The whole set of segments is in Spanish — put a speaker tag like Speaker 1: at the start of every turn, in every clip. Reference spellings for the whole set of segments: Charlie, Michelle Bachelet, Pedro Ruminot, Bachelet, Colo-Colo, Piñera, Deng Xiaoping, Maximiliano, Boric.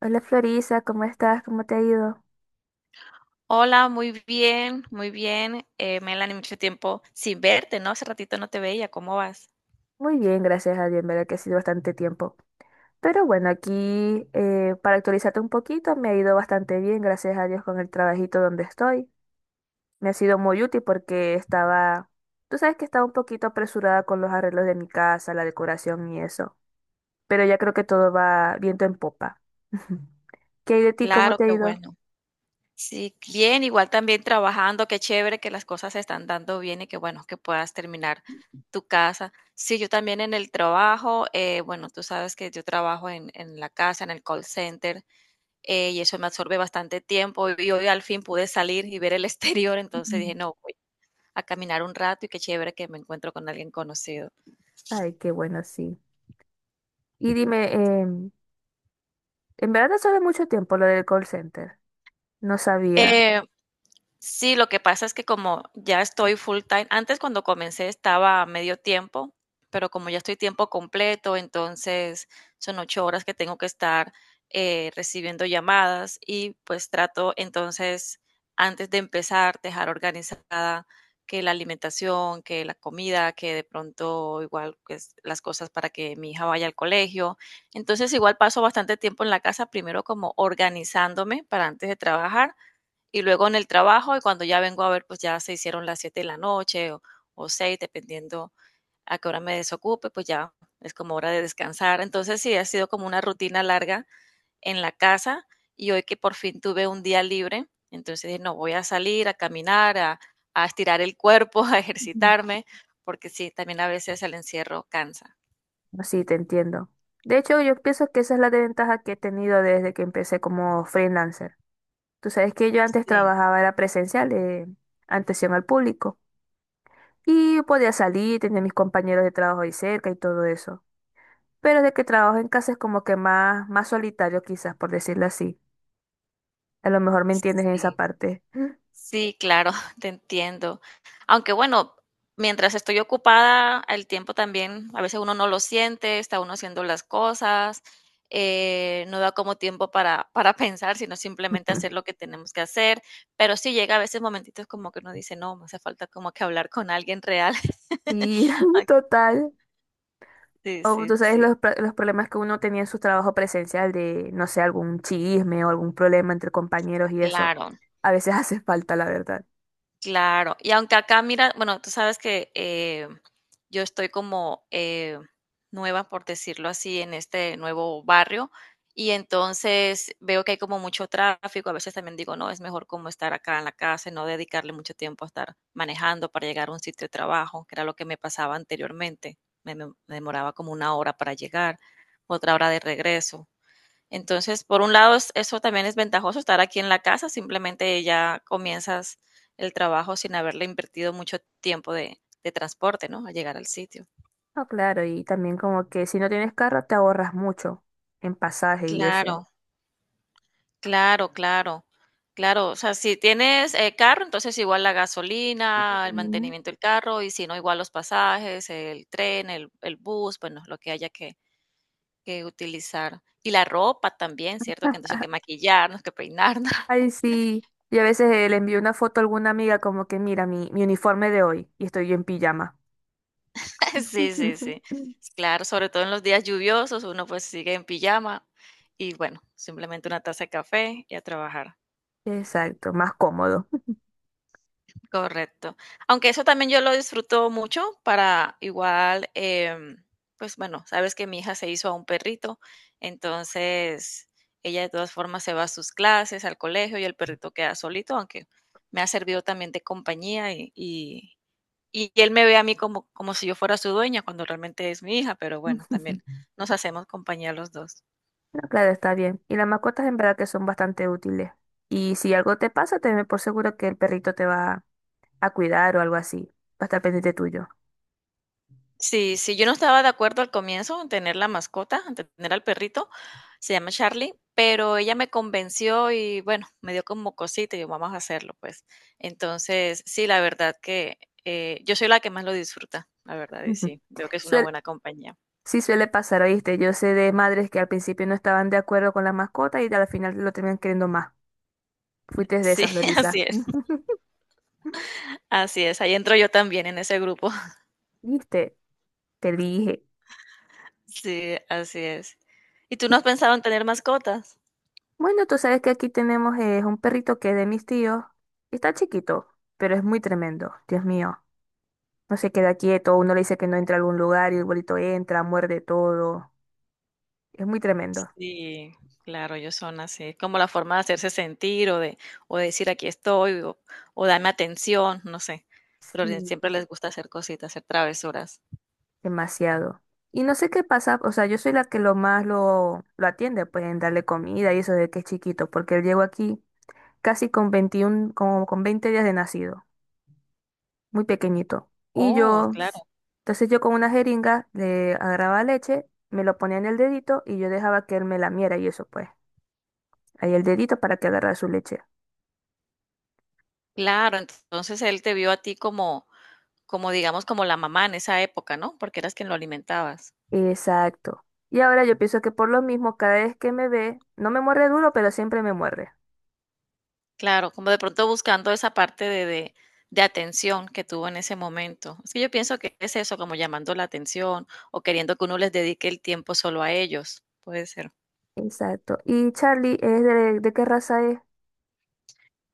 Speaker 1: Hola, Florisa, ¿cómo estás? ¿Cómo te ha ido?
Speaker 2: Hola, muy bien, muy bien. Melanie, mucho tiempo sin verte, ¿no? Hace ratito no te veía, ¿cómo vas?
Speaker 1: Muy bien, gracias a Dios, en verdad que ha sido bastante tiempo. Pero bueno, aquí para actualizarte un poquito, me ha ido bastante bien, gracias a Dios, con el trabajito donde estoy. Me ha sido muy útil porque estaba, tú sabes que estaba un poquito apresurada con los arreglos de mi casa, la decoración y eso. Pero ya creo que todo va viento en popa. ¿Qué hay de ti? ¿Cómo
Speaker 2: Claro,
Speaker 1: te ha
Speaker 2: qué
Speaker 1: ido?
Speaker 2: bueno. Sí, bien, igual también trabajando, qué chévere que las cosas se están dando bien y que bueno, que puedas terminar tu casa. Sí, yo también en el trabajo, bueno, tú sabes que yo trabajo en la casa, en el call center, y eso me absorbe bastante tiempo y hoy al fin pude salir y ver el exterior. Entonces dije,
Speaker 1: Mm.
Speaker 2: no, voy a caminar un rato y qué chévere que me encuentro con alguien conocido.
Speaker 1: Ay, qué bueno, sí. Y dime, en verdad no sabe mucho tiempo lo del call center. No sabía.
Speaker 2: Eh, Sí, lo que pasa es que como ya estoy full time, antes cuando comencé estaba a medio tiempo, pero como ya estoy tiempo completo, entonces son 8 horas que tengo que estar recibiendo llamadas, y pues trato entonces antes de empezar dejar organizada que la alimentación, que la comida, que de pronto igual pues, las cosas para que mi hija vaya al colegio. Entonces igual paso bastante tiempo en la casa, primero como organizándome para antes de trabajar y luego en el trabajo, y cuando ya vengo a ver, pues ya se hicieron las 7 de la noche o 6, dependiendo a qué hora me desocupe, pues ya es como hora de descansar. Entonces sí, ha sido como una rutina larga en la casa, y hoy que por fin tuve un día libre, entonces dije, no, voy a salir a caminar, a estirar el cuerpo, a
Speaker 1: Ujú.
Speaker 2: ejercitarme, porque sí, también a veces el encierro cansa.
Speaker 1: Sí, te entiendo. De hecho, yo pienso que esa es la desventaja que he tenido desde que empecé como freelancer. Tú sabes que yo antes
Speaker 2: Sí,
Speaker 1: trabajaba, era presencial, atención al público. Y podía salir, tenía mis compañeros de trabajo ahí cerca y todo eso. Pero desde que trabajo en casa es como que más, más solitario quizás, por decirlo así. A lo mejor me entiendes en esa
Speaker 2: sí.
Speaker 1: parte.
Speaker 2: Sí, claro, te entiendo. Aunque bueno, mientras estoy ocupada, el tiempo también, a veces uno no lo siente, está uno haciendo las cosas, no da como tiempo para, para pensar, sino simplemente hacer lo que tenemos que hacer. Pero sí llega a veces momentitos como que uno dice, no, me hace falta como que hablar con alguien real.
Speaker 1: Y
Speaker 2: Ay,
Speaker 1: total.
Speaker 2: sí,
Speaker 1: O tú
Speaker 2: sí,
Speaker 1: sabes
Speaker 2: sí.
Speaker 1: los, los problemas que uno tenía en su trabajo presencial de, no sé, algún chisme o algún problema entre compañeros y eso.
Speaker 2: Claro.
Speaker 1: A veces hace falta, la verdad.
Speaker 2: Claro, y aunque acá mira, bueno, tú sabes que yo estoy como nueva, por decirlo así, en este nuevo barrio, y entonces veo que hay como mucho tráfico. A veces también digo, no, es mejor como estar acá en la casa y no dedicarle mucho tiempo a estar manejando para llegar a un sitio de trabajo, que era lo que me pasaba anteriormente. Me demoraba como una hora para llegar, otra hora de regreso. Entonces, por un lado, eso también es ventajoso estar aquí en la casa, simplemente ya comienzas el trabajo sin haberle invertido mucho tiempo de transporte, ¿no? A llegar al sitio.
Speaker 1: No, claro, y también como que si no tienes carro te ahorras mucho en pasaje y
Speaker 2: Claro,
Speaker 1: eso.
Speaker 2: claro, claro, claro. O sea, si tienes carro, entonces igual la gasolina, el
Speaker 1: Mm.
Speaker 2: mantenimiento del carro, y si no, igual los pasajes, el tren, el bus, bueno, lo que haya que utilizar. Y la ropa también, ¿cierto? Que entonces hay que maquillarnos, que peinarnos.
Speaker 1: Ay, sí. Y a veces le envío una foto a alguna amiga como que mira mi, mi uniforme de hoy y estoy yo en pijama.
Speaker 2: Sí, sí, sí. Claro, sobre todo en los días lluviosos, uno, pues, sigue en pijama y, bueno, simplemente una taza de café y a trabajar.
Speaker 1: Exacto, más cómodo.
Speaker 2: Correcto. Aunque eso también yo lo disfruto mucho para igual, pues, bueno, sabes que mi hija se hizo a un perrito, entonces ella de todas formas se va a sus clases, al colegio, y el perrito queda solito, aunque me ha servido también de compañía. Y él me ve a mí como, como si yo fuera su dueña, cuando realmente es mi hija, pero bueno, también nos hacemos compañía los dos.
Speaker 1: No, claro, está bien. Y las mascotas en verdad que son bastante útiles. Y si algo te pasa, tenme por seguro que el perrito te va a cuidar o algo así. Va a estar pendiente tuyo.
Speaker 2: Sí, sí, yo no estaba de acuerdo al comienzo en tener la mascota, en tener al perrito, se llama Charlie, pero ella me convenció y bueno, me dio como cosita y yo, vamos a hacerlo, pues. Entonces, sí, la verdad que yo soy la que más lo disfruta, la verdad, y
Speaker 1: Ujú.
Speaker 2: sí, veo que es una
Speaker 1: Suel-
Speaker 2: buena compañía.
Speaker 1: sí suele pasar, ¿oíste? Yo sé de madres que al principio no estaban de acuerdo con la mascota y al final lo terminan queriendo más. Fuiste de
Speaker 2: Sí,
Speaker 1: esa, Florisa.
Speaker 2: así es,
Speaker 1: Ujú.
Speaker 2: así es, ahí entro yo también en ese grupo.
Speaker 1: ¿Viste? Te dije.
Speaker 2: Sí, así es. ¿Y tú no has pensado en tener mascotas?
Speaker 1: Bueno, tú sabes que aquí tenemos un perrito que es de mis tíos. Está chiquito, pero es muy tremendo. Dios mío. No se queda quieto, uno le dice que no entra a algún lugar y el bolito entra, muerde todo. Es muy tremendo.
Speaker 2: Sí, claro, ellos son así, es como la forma de hacerse sentir o de decir aquí estoy o dame atención, no sé, pero le
Speaker 1: Sí,
Speaker 2: siempre les gusta hacer cositas, hacer travesuras.
Speaker 1: demasiado. Y no sé qué pasa, o sea, yo soy la que lo más lo atiende, pues en darle comida y eso de que es chiquito, porque él llegó aquí casi con 21 como con 20 días de nacido, muy pequeñito. Y
Speaker 2: Oh,
Speaker 1: yo,
Speaker 2: claro,
Speaker 1: ps, entonces yo con una jeringa le agarraba leche, me lo ponía en el dedito y yo dejaba que él me lamiera y eso pues, ahí el dedito para que agarrara su leche.
Speaker 2: claro, entonces él te vio a ti como como digamos, como la mamá en esa época, ¿no? Porque eras quien lo alimentabas.
Speaker 1: Exacto. Y ahora yo pienso que por lo mismo, cada vez que me ve, no me muerde duro, pero siempre me muerde.
Speaker 2: Claro, como de pronto buscando esa parte de atención que tuvo en ese momento. Es que yo pienso que es eso, como llamando la atención o queriendo que uno les dedique el tiempo solo a ellos, puede ser.
Speaker 1: Exacto. ¿Y Charlie es de qué raza es?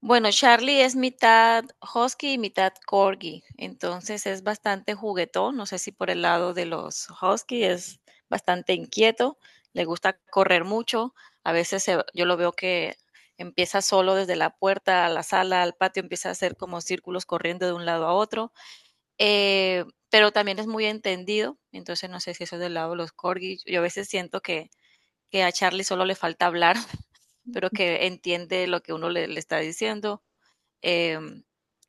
Speaker 2: Bueno, Charlie es mitad husky y mitad corgi, entonces es bastante juguetón, no sé si por el lado de los husky es bastante inquieto, le gusta correr mucho, a veces se yo lo veo que empieza solo desde la puerta a la sala, al patio, empieza a hacer como círculos corriendo de un lado a otro, eh, pero también es muy entendido, entonces no sé si eso es del lado de los corgis. Yo a veces siento que a Charlie solo le falta hablar, pero que entiende lo que uno le, le está diciendo. Eh,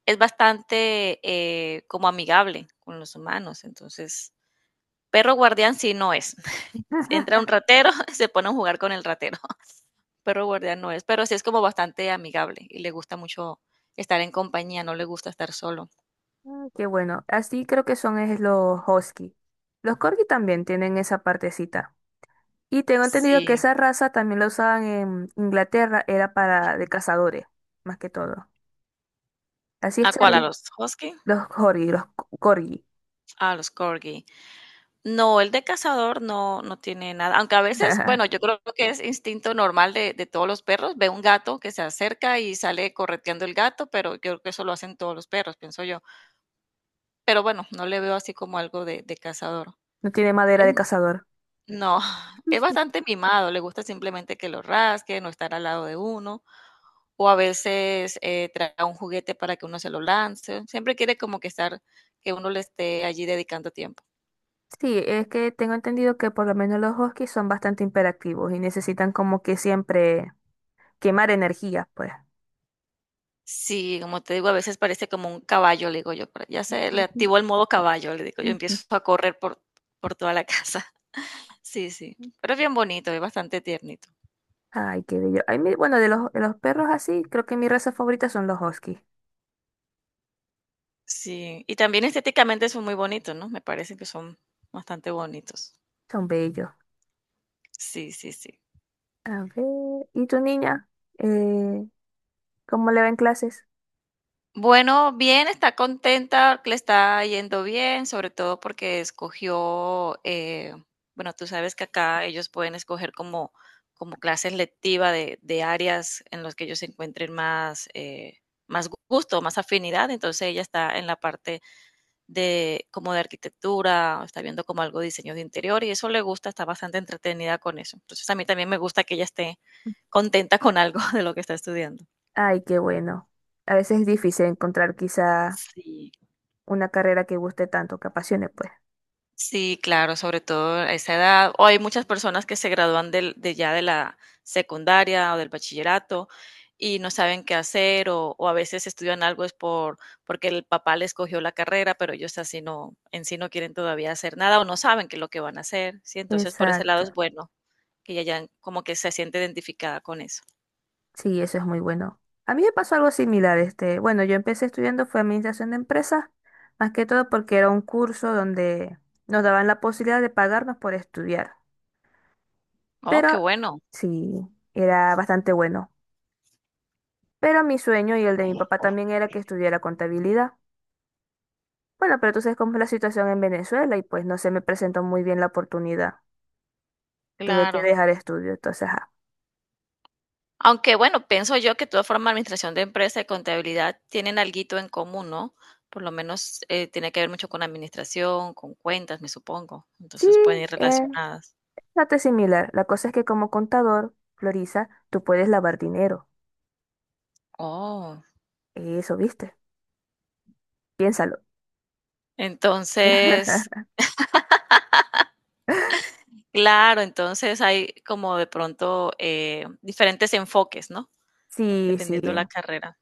Speaker 2: es bastante como amigable con los humanos, entonces perro guardián sí no es. Entra un ratero, se pone a jugar con el ratero. Perro guardián no es, pero sí es como bastante amigable y le gusta mucho estar en compañía, no le gusta estar solo.
Speaker 1: Mm, qué bueno. Así creo que son es los husky. Los corgi también tienen esa partecita. Y tengo entendido que
Speaker 2: Sí.
Speaker 1: esa raza también la usaban en Inglaterra, era para de cazadores, más que todo. Así es,
Speaker 2: ¿A cuál? ¿A
Speaker 1: Charlie.
Speaker 2: los husky?
Speaker 1: Los corgi, corgi.
Speaker 2: Ah, los corgi. No, el de cazador no, no tiene nada. Aunque a veces, bueno, yo creo que es instinto normal de todos los perros. Ve un gato que se acerca y sale correteando el gato, pero yo creo que eso lo hacen todos los perros, pienso yo. Pero bueno, no le veo así como algo de cazador.
Speaker 1: No tiene madera
Speaker 2: Es-
Speaker 1: de cazador.
Speaker 2: no, es bastante mimado. Le gusta simplemente que lo rasque no estar al lado de uno. O a veces trae un juguete para que uno se lo lance. Siempre quiere como que estar, que uno le esté allí dedicando tiempo.
Speaker 1: Sí, es que tengo entendido que por lo menos los huskies son bastante imperativos y necesitan como que siempre quemar energía, pues.
Speaker 2: Sí, como te digo, a veces parece como un caballo, le digo yo, pero ya se le
Speaker 1: Ujú,
Speaker 2: activó el modo caballo, le digo yo,
Speaker 1: ujú.
Speaker 2: empiezo a correr por, toda la casa. Sí, sí, pero es bien bonito, es bastante tiernito.
Speaker 1: Ay, qué bello. Ay, bueno, de los perros así, creo que mi raza favorita son los huskies.
Speaker 2: Sí, y también estéticamente son muy bonitos, ¿no? Me parece que son bastante bonitos.
Speaker 1: Son bellos.
Speaker 2: Sí, sí, sí.
Speaker 1: A ver, ¿y tu niña? Eh, ¿Cómo le va en clases?
Speaker 2: Bueno, bien, está contenta, le está yendo bien, sobre todo porque escogió, bueno, tú sabes que acá ellos pueden escoger como clases lectivas de áreas en las que ellos encuentren más, más gusto, más afinidad. Entonces ella está en la parte de como de arquitectura, está viendo como algo de diseño de interior y eso le gusta, está bastante entretenida con eso. Entonces a mí también me gusta que ella esté contenta con algo de lo que está estudiando.
Speaker 1: Ay, qué bueno. A veces es difícil encontrar quizá
Speaker 2: Sí.
Speaker 1: una carrera que guste tanto, que apasione, pues.
Speaker 2: Sí, claro, sobre todo a esa edad. O hay muchas personas que se gradúan de ya de la secundaria o del bachillerato, y no saben qué hacer o a veces estudian algo es porque el papá les cogió la carrera, pero ellos así no, en sí no quieren todavía hacer nada o no saben qué es lo que van a hacer, ¿sí? Entonces, por ese lado es
Speaker 1: Exacto.
Speaker 2: bueno que ella ya como que se siente identificada con eso.
Speaker 1: Sí, eso es muy bueno. A mí me pasó algo similar, este, bueno, yo empecé estudiando fue administración de empresas, más que todo porque era un curso donde nos daban la posibilidad de pagarnos por estudiar.
Speaker 2: Oh, qué
Speaker 1: Pero
Speaker 2: bueno,
Speaker 1: sí, era bastante bueno. Pero mi sueño y el de mi papá también era que estudiara contabilidad. Bueno, pero tú sabes cómo es la situación en Venezuela y pues no se me presentó muy bien la oportunidad. Tuve que
Speaker 2: claro.
Speaker 1: dejar estudio, entonces, ajá.
Speaker 2: Aunque bueno, pienso yo que de todas formas administración de empresa y contabilidad tienen alguito en común, ¿no? Por lo menos tiene que ver mucho con administración, con cuentas, me supongo.
Speaker 1: Sí,
Speaker 2: Entonces pueden ir
Speaker 1: eh,
Speaker 2: relacionadas.
Speaker 1: bastante similar. La cosa es que como contador, Florisa, tú puedes lavar dinero.
Speaker 2: Oh,
Speaker 1: Eso, ¿viste? Piénsalo.
Speaker 2: entonces, claro, entonces hay como de pronto diferentes enfoques, ¿no?
Speaker 1: Sí, sí.
Speaker 2: Dependiendo la carrera.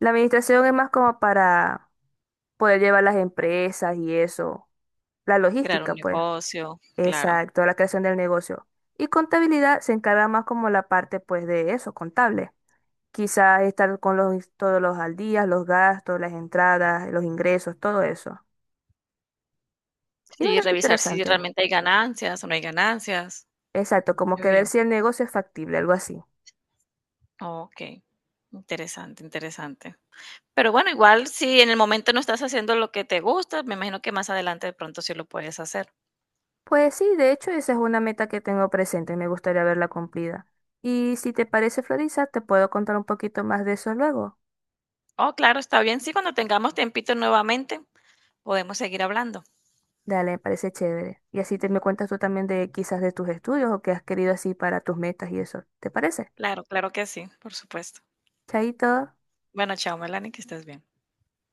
Speaker 1: La administración es más como para poder llevar las empresas y eso. La
Speaker 2: Crear
Speaker 1: logística,
Speaker 2: un
Speaker 1: pues.
Speaker 2: negocio, claro.
Speaker 1: Exacto, la creación del negocio. Y contabilidad se encarga más como la parte, pues, de eso, contable. Quizás estar con los, todos los al día, los gastos, las entradas, los ingresos, todo eso. Y
Speaker 2: Sí,
Speaker 1: bastante
Speaker 2: revisar si
Speaker 1: interesante.
Speaker 2: realmente hay ganancias o no hay ganancias.
Speaker 1: Exacto, como
Speaker 2: Muy
Speaker 1: que ver
Speaker 2: bien.
Speaker 1: si el negocio es factible, algo así.
Speaker 2: Ok, interesante, interesante. Pero bueno, igual si en el momento no estás haciendo lo que te gusta, me imagino que más adelante de pronto sí lo puedes hacer.
Speaker 1: Pues sí, de hecho esa es una meta que tengo presente y me gustaría verla cumplida. Y si te parece, Florisa, te puedo contar un poquito más de eso luego.
Speaker 2: Oh, claro, está bien. Sí, cuando tengamos tiempito nuevamente, podemos seguir hablando.
Speaker 1: Dale, me parece chévere. Y así te me cuentas tú también de quizás de tus estudios o qué has querido así para tus metas y eso. ¿Te parece?
Speaker 2: Claro, claro que sí, por supuesto.
Speaker 1: Chaito.
Speaker 2: Bueno, chao, Melanie, que estés bien.